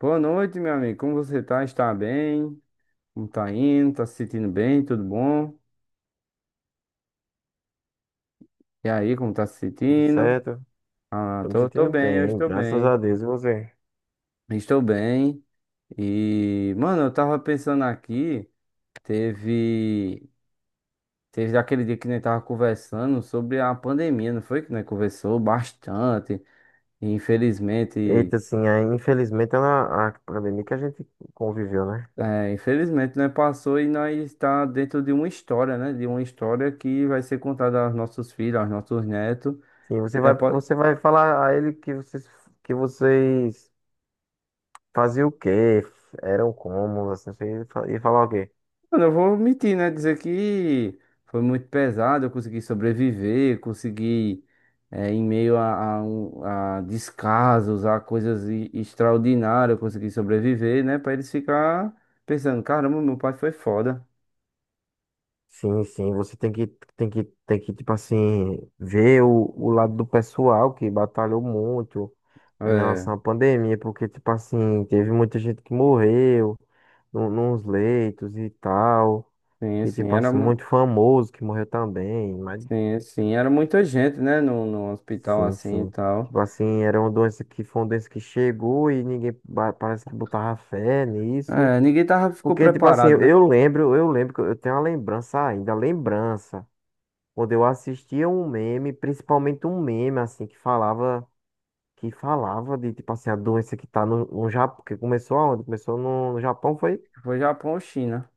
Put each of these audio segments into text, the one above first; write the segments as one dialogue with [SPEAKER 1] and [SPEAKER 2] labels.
[SPEAKER 1] Boa noite, meu amigo. Como você tá? Está bem? Como tá indo? Tá se sentindo bem? Tudo bom? E aí, como tá se
[SPEAKER 2] Tudo
[SPEAKER 1] sentindo?
[SPEAKER 2] certo?
[SPEAKER 1] Ah,
[SPEAKER 2] Tô me
[SPEAKER 1] tô
[SPEAKER 2] sentindo
[SPEAKER 1] bem, eu
[SPEAKER 2] bem,
[SPEAKER 1] estou
[SPEAKER 2] graças
[SPEAKER 1] bem.
[SPEAKER 2] a Deus. E você?
[SPEAKER 1] Estou bem. E, mano, eu tava pensando aqui, teve, teve daquele dia que nós tava conversando sobre a pandemia, não foi? Que nós conversou bastante. E, infelizmente,
[SPEAKER 2] Eita, assim, aí, infelizmente ela, a pandemia que a gente conviveu, né?
[SPEAKER 1] é, infelizmente, nós passou e nós está dentro de uma história, né? De uma história que vai ser contada aos nossos filhos, aos nossos netos.
[SPEAKER 2] Sim, você
[SPEAKER 1] E não é.
[SPEAKER 2] vai, você vai falar a ele que vocês faziam o quê? Eram como, assim, você ia falar o quê?
[SPEAKER 1] Mano, eu vou omitir, né? Dizer que foi muito pesado, eu consegui sobreviver, consegui, em meio a descasos, a coisas extraordinárias, eu consegui sobreviver, né? Pra eles ficar pensando, caramba, meu pai foi foda.
[SPEAKER 2] Sim, sim, você tem que, tipo assim, ver o lado do pessoal que batalhou muito em
[SPEAKER 1] É,
[SPEAKER 2] relação à pandemia, porque, tipo assim, teve muita gente que morreu no, nos leitos e tal.
[SPEAKER 1] sim,
[SPEAKER 2] E
[SPEAKER 1] sim,
[SPEAKER 2] tipo assim, muito famoso que morreu também, mas
[SPEAKER 1] sim, sim, era muita gente, né? No hospital
[SPEAKER 2] sim,
[SPEAKER 1] assim e
[SPEAKER 2] sim.
[SPEAKER 1] tal.
[SPEAKER 2] Tipo assim, era uma doença que foi uma doença que chegou e ninguém parece que botava fé nisso.
[SPEAKER 1] É, ninguém ficou
[SPEAKER 2] Porque, tipo assim,
[SPEAKER 1] preparado, né?
[SPEAKER 2] eu lembro que eu tenho uma lembrança ainda, lembrança, quando eu assistia um meme, principalmente um meme, assim, que falava de, tipo assim, a doença que tá no Japão, que começou aonde? Começou no Japão, foi?
[SPEAKER 1] Foi Japão ou China,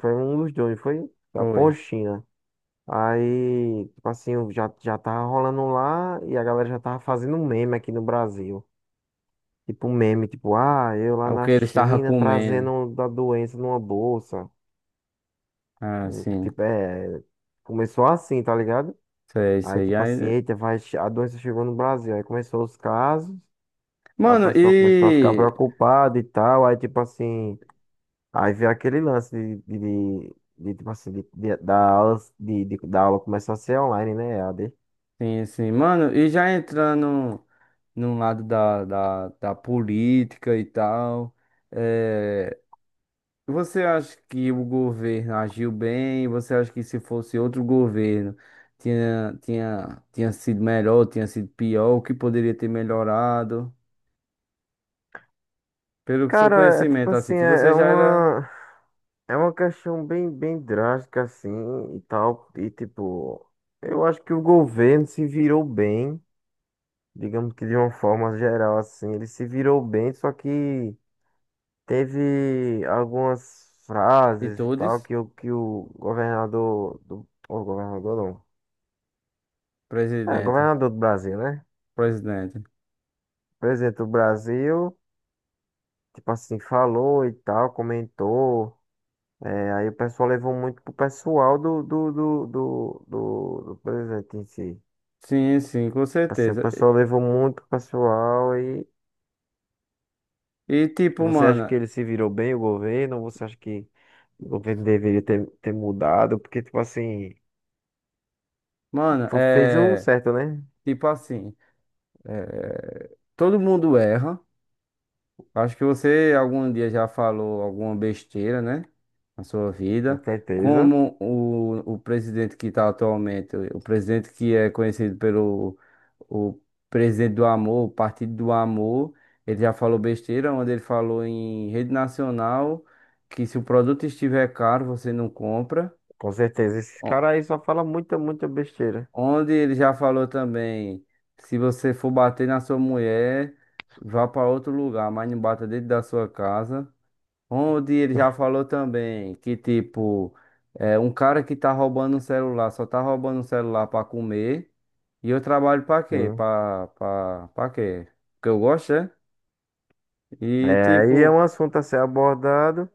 [SPEAKER 2] Foi um dos dois, foi Japão ou
[SPEAKER 1] foi.
[SPEAKER 2] China? Aí, tipo assim, eu já tava rolando lá e a galera já tava fazendo um meme aqui no Brasil. Tipo um meme, tipo, ah, eu
[SPEAKER 1] É
[SPEAKER 2] lá
[SPEAKER 1] o
[SPEAKER 2] na
[SPEAKER 1] que eles estavam
[SPEAKER 2] China
[SPEAKER 1] comendo.
[SPEAKER 2] trazendo da doença numa bolsa.
[SPEAKER 1] Ah, sim.
[SPEAKER 2] Tipo, é. Começou assim, tá ligado?
[SPEAKER 1] Sei,
[SPEAKER 2] Aí,
[SPEAKER 1] sei. E
[SPEAKER 2] tipo assim,
[SPEAKER 1] aí,
[SPEAKER 2] eita, a doença chegou no Brasil. Aí começou os casos, aí o
[SPEAKER 1] mano,
[SPEAKER 2] pessoal começou a ficar
[SPEAKER 1] e.
[SPEAKER 2] preocupado e tal. Aí, tipo assim, aí veio aquele lance de, tipo assim, da aula começar a ser online, né? EAD.
[SPEAKER 1] Sim, sim. Mano, e já entrando num lado da política e tal. é... Você acha que o governo agiu bem? Você acha que se fosse outro governo tinha sido melhor, tinha sido pior? O que poderia ter melhorado? Pelo seu
[SPEAKER 2] Cara, é tipo
[SPEAKER 1] conhecimento, assim,
[SPEAKER 2] assim,
[SPEAKER 1] que
[SPEAKER 2] é
[SPEAKER 1] você
[SPEAKER 2] é
[SPEAKER 1] já era
[SPEAKER 2] uma, é uma questão bem, bem drástica, assim, e tal. E tipo, eu acho que o governo se virou bem, digamos que de uma forma geral, assim, ele se virou bem, só que teve algumas
[SPEAKER 1] de
[SPEAKER 2] frases e tal
[SPEAKER 1] todos,
[SPEAKER 2] que o governador o governador não, é,
[SPEAKER 1] presidente.
[SPEAKER 2] governador do Brasil, né?
[SPEAKER 1] Presidente.
[SPEAKER 2] Presidente do Brasil, tipo assim, falou e tal, comentou. É, aí o pessoal levou muito pro pessoal do presidente em si.
[SPEAKER 1] Sim, sim, com
[SPEAKER 2] Assim, o
[SPEAKER 1] certeza.
[SPEAKER 2] pessoal levou muito pro pessoal e
[SPEAKER 1] E tipo,
[SPEAKER 2] você acha
[SPEAKER 1] mano.
[SPEAKER 2] que ele se virou bem, o governo? Ou você acha que o governo deveria ter, ter mudado? Porque, tipo assim,
[SPEAKER 1] Mano,
[SPEAKER 2] fez o
[SPEAKER 1] é.
[SPEAKER 2] certo, né?
[SPEAKER 1] Tipo assim, todo mundo erra. Acho que você algum dia já falou alguma besteira, né? Na sua
[SPEAKER 2] Com
[SPEAKER 1] vida.
[SPEAKER 2] certeza.
[SPEAKER 1] Como o presidente que está atualmente, o presidente que é conhecido pelo o presidente do amor, o Partido do Amor, ele já falou besteira, onde ele falou em rede nacional que se o produto estiver caro, você não compra.
[SPEAKER 2] Com certeza. Esses caras aí só falam muita, muita besteira.
[SPEAKER 1] Onde ele já falou também, se você for bater na sua mulher, vá para outro lugar, mas não bata dentro da sua casa. Onde ele já falou também que, tipo, é, um cara que tá roubando um celular, só tá roubando um celular para comer, e eu trabalho para quê?
[SPEAKER 2] Sim.
[SPEAKER 1] Para quê? Porque eu gosto, é? E
[SPEAKER 2] É, aí é
[SPEAKER 1] tipo,
[SPEAKER 2] um assunto a ser abordado.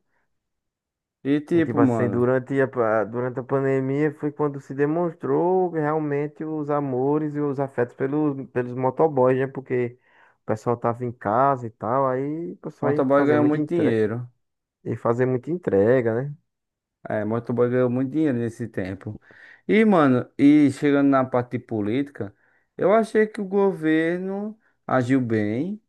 [SPEAKER 1] e
[SPEAKER 2] É tipo
[SPEAKER 1] tipo,
[SPEAKER 2] assim,
[SPEAKER 1] mano,
[SPEAKER 2] durante durante a pandemia foi quando se demonstrou realmente os amores e os afetos pelos, pelos motoboys, né? Porque o pessoal tava em casa e tal, aí o pessoal ia
[SPEAKER 1] motoboy
[SPEAKER 2] fazer
[SPEAKER 1] ganha
[SPEAKER 2] muita
[SPEAKER 1] muito
[SPEAKER 2] entrega,
[SPEAKER 1] dinheiro.
[SPEAKER 2] ia fazer muita entrega, né?
[SPEAKER 1] É, motoboy ganhou muito dinheiro nesse tempo. E, mano, e chegando na parte de política, eu achei que o governo agiu bem.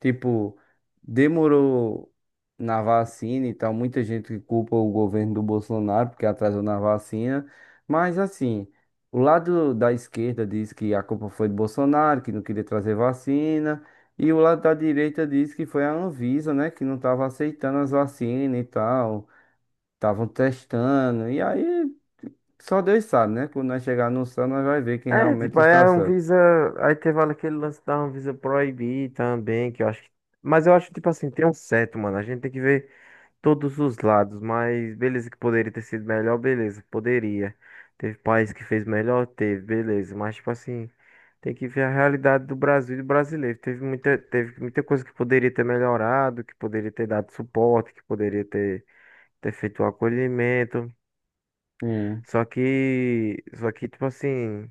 [SPEAKER 1] Tipo, demorou na vacina e tal. Muita gente culpa o governo do Bolsonaro porque atrasou na vacina. Mas, assim, o lado da esquerda diz que a culpa foi do Bolsonaro, que não queria trazer vacina. E o lado da direita diz que foi a Anvisa, né, que não estava aceitando as vacinas e tal. Estavam testando. E aí, só Deus sabe, né? Quando nós chegar no céu, nós vai ver quem
[SPEAKER 2] É,
[SPEAKER 1] realmente
[SPEAKER 2] tipo, aí
[SPEAKER 1] está
[SPEAKER 2] a
[SPEAKER 1] certo.
[SPEAKER 2] Anvisa, aí teve aquele lance da Anvisa proibir também, que eu acho que, mas eu acho, tipo assim, tem um certo, mano, a gente tem que ver todos os lados, mas beleza que poderia ter sido melhor, beleza, poderia. Teve país que fez melhor, teve, beleza, mas tipo assim, tem que ver a realidade do Brasil e do brasileiro. Teve muita coisa que poderia ter melhorado, que poderia ter dado suporte, que poderia ter, ter feito o acolhimento.
[SPEAKER 1] Sim,
[SPEAKER 2] Só que tipo assim,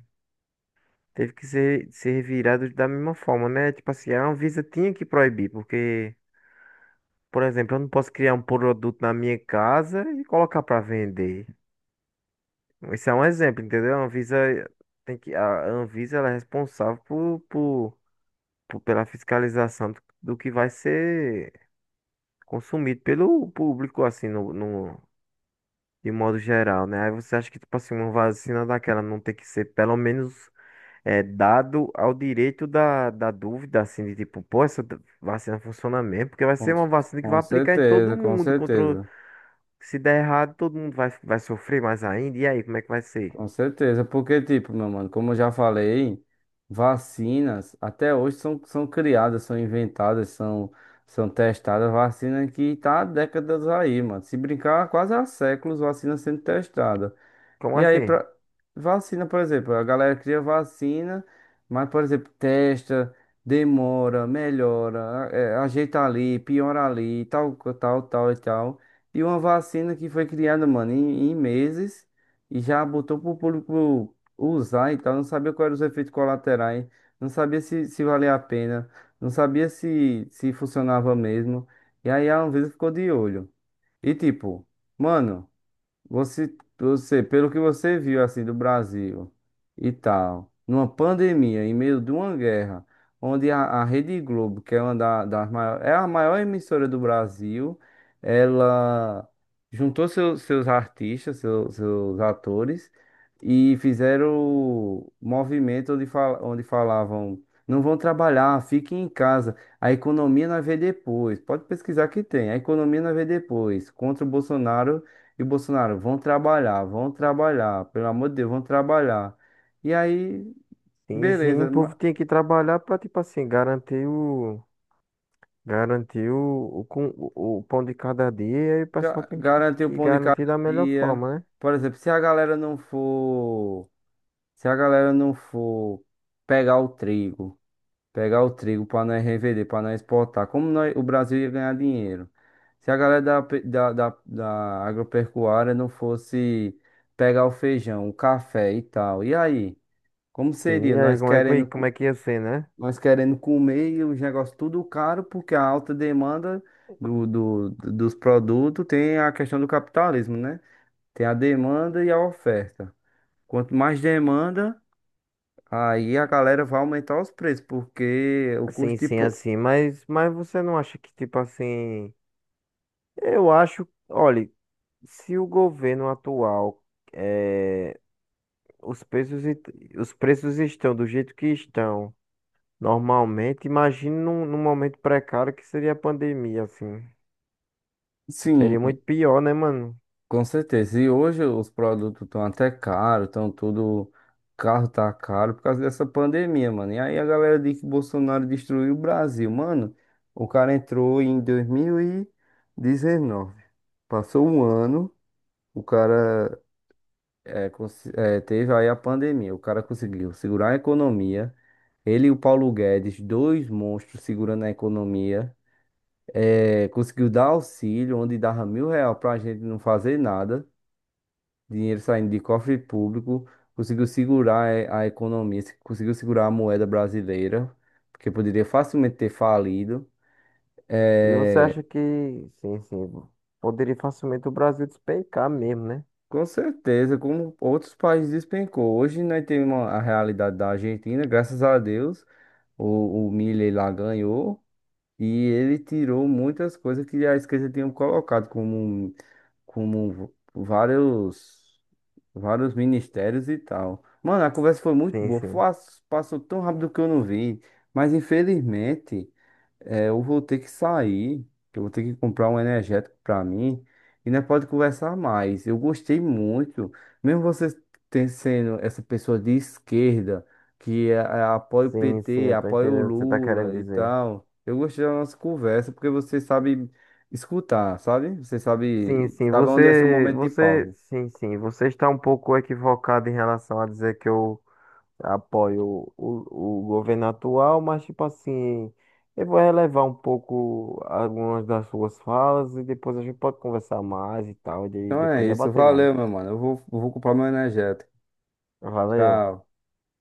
[SPEAKER 2] teve que ser, ser virado da mesma forma, né? Tipo assim, a Anvisa tinha que proibir, porque por exemplo, eu não posso criar um produto na minha casa e colocar para vender. Isso é um exemplo, entendeu? A Anvisa tem que, a Anvisa ela é responsável pela fiscalização do que vai ser consumido pelo público, assim, no, de modo geral, né? Aí você acha que, tipo assim, uma vacina daquela não tem que ser, pelo menos, é, dado ao direito da dúvida, assim, de tipo, pô, essa vacina funciona mesmo, porque vai ser
[SPEAKER 1] com,
[SPEAKER 2] uma vacina que vai
[SPEAKER 1] com
[SPEAKER 2] aplicar em todo
[SPEAKER 1] certeza, com
[SPEAKER 2] mundo, contra,
[SPEAKER 1] certeza.
[SPEAKER 2] se der errado, todo mundo vai sofrer mais ainda, e aí, como é que vai ser?
[SPEAKER 1] Com certeza. Porque, tipo, meu mano, como eu já falei, vacinas até hoje são, são criadas, são inventadas, são, são testadas. Vacina que tá há décadas aí, mano. Se brincar, quase há séculos, vacina sendo testada.
[SPEAKER 2] Como
[SPEAKER 1] E aí,
[SPEAKER 2] assim?
[SPEAKER 1] pra... vacina, por exemplo, a galera cria vacina, mas, por exemplo, testa, demora, melhora, é, ajeita ali, piora ali, tal, tal, tal e tal. E uma vacina que foi criada, mano, em meses e já botou pro público usar e tal, não sabia quais eram os efeitos colaterais, não sabia se valia a pena, não sabia se funcionava mesmo. E aí a Anvisa ficou de olho. E tipo, mano. Você, você, pelo que você viu assim do Brasil e tal, numa pandemia, em meio de uma guerra, onde a Rede Globo, que é uma das maiores, é a maior emissora do Brasil, ela juntou seus artistas, seus atores e fizeram movimento onde falavam, não vão trabalhar, fiquem em casa. A economia nós vê depois. Pode pesquisar que tem. A economia nós vê depois. Contra o Bolsonaro e Bolsonaro, vão trabalhar, pelo amor de Deus, vão trabalhar. E aí,
[SPEAKER 2] Sim, sim, o
[SPEAKER 1] beleza,
[SPEAKER 2] povo tem que trabalhar para, tipo assim, garantir o pão de cada dia e aí o pessoal tem
[SPEAKER 1] garantir o
[SPEAKER 2] que
[SPEAKER 1] pão de cada
[SPEAKER 2] garantir da melhor
[SPEAKER 1] dia.
[SPEAKER 2] forma, né?
[SPEAKER 1] Por exemplo, se a galera não for pegar o trigo, pegar o trigo para nós revender, para nós exportar, como nós, o Brasil ia ganhar dinheiro? Se a galera da, pe- da, da, da agropecuária não fosse pegar o feijão, o café e tal, e aí? Como
[SPEAKER 2] Sim,
[SPEAKER 1] seria?
[SPEAKER 2] e aí
[SPEAKER 1] Nós querendo.
[SPEAKER 2] como é que ia ser, né?
[SPEAKER 1] nós querendo comer e os negócios tudo caro, porque a alta demanda dos produtos tem a questão do capitalismo, né? Tem a demanda e a oferta. Quanto mais demanda, aí a galera vai aumentar os preços, porque o
[SPEAKER 2] Sim,
[SPEAKER 1] custo de.
[SPEAKER 2] sim, assim, mas você não acha que, tipo assim, eu acho, olha, se o governo atual, eh, os preços, os preços estão do jeito que estão, normalmente, imagine num momento precário que seria a pandemia, assim.
[SPEAKER 1] Sim,
[SPEAKER 2] Seria muito pior, né, mano?
[SPEAKER 1] com certeza. E hoje os produtos estão até caros, estão tudo. Carro tá caro por causa dessa pandemia, mano. E aí a galera diz que Bolsonaro destruiu o Brasil. Mano, o cara entrou em 2019. Passou um ano, o cara teve aí a pandemia. O cara conseguiu segurar a economia. Ele e o Paulo Guedes, dois monstros segurando a economia. É, conseguiu dar auxílio, onde dava 1.000 real pra gente não fazer nada, dinheiro saindo de cofre público, conseguiu segurar a economia, conseguiu segurar a moeda brasileira, porque poderia facilmente ter falido.
[SPEAKER 2] E você
[SPEAKER 1] Eh,
[SPEAKER 2] acha que, sim, sim, poderia facilmente o Brasil despencar mesmo, né?
[SPEAKER 1] com certeza, como outros países despencou. Hoje nós temos a realidade da Argentina, graças a Deus, o Milei lá ganhou e ele tirou muitas coisas que a esquerda tinha colocado como, como vários. Vários ministérios e tal. Mano, a conversa foi muito
[SPEAKER 2] Sim,
[SPEAKER 1] boa.
[SPEAKER 2] sim.
[SPEAKER 1] Passou tão rápido que eu não vi. Mas infelizmente, eu vou ter que sair. Que eu vou ter que comprar um energético pra mim. E nós pode conversar mais. Eu gostei muito. Mesmo você sendo essa pessoa de esquerda, que apoia o
[SPEAKER 2] Sim, sim,
[SPEAKER 1] PT,
[SPEAKER 2] eu tô
[SPEAKER 1] apoia o
[SPEAKER 2] entendendo o que você tá querendo
[SPEAKER 1] Lula e
[SPEAKER 2] dizer.
[SPEAKER 1] tal. Eu gostei da nossa conversa porque você sabe escutar, sabe? Você
[SPEAKER 2] Sim,
[SPEAKER 1] sabe,
[SPEAKER 2] sim,
[SPEAKER 1] sabe onde é seu
[SPEAKER 2] você,
[SPEAKER 1] momento de
[SPEAKER 2] você,
[SPEAKER 1] pausa.
[SPEAKER 2] sim, sim, você está um pouco equivocado em relação a dizer que eu apoio o governo atual, mas tipo assim, eu vou relevar um pouco algumas das suas falas e depois a gente pode conversar mais e tal, e
[SPEAKER 1] Então é
[SPEAKER 2] depois
[SPEAKER 1] isso.
[SPEAKER 2] debater mais.
[SPEAKER 1] Valeu, meu mano. Eu vou comprar meu energético.
[SPEAKER 2] Valeu.
[SPEAKER 1] Tchau.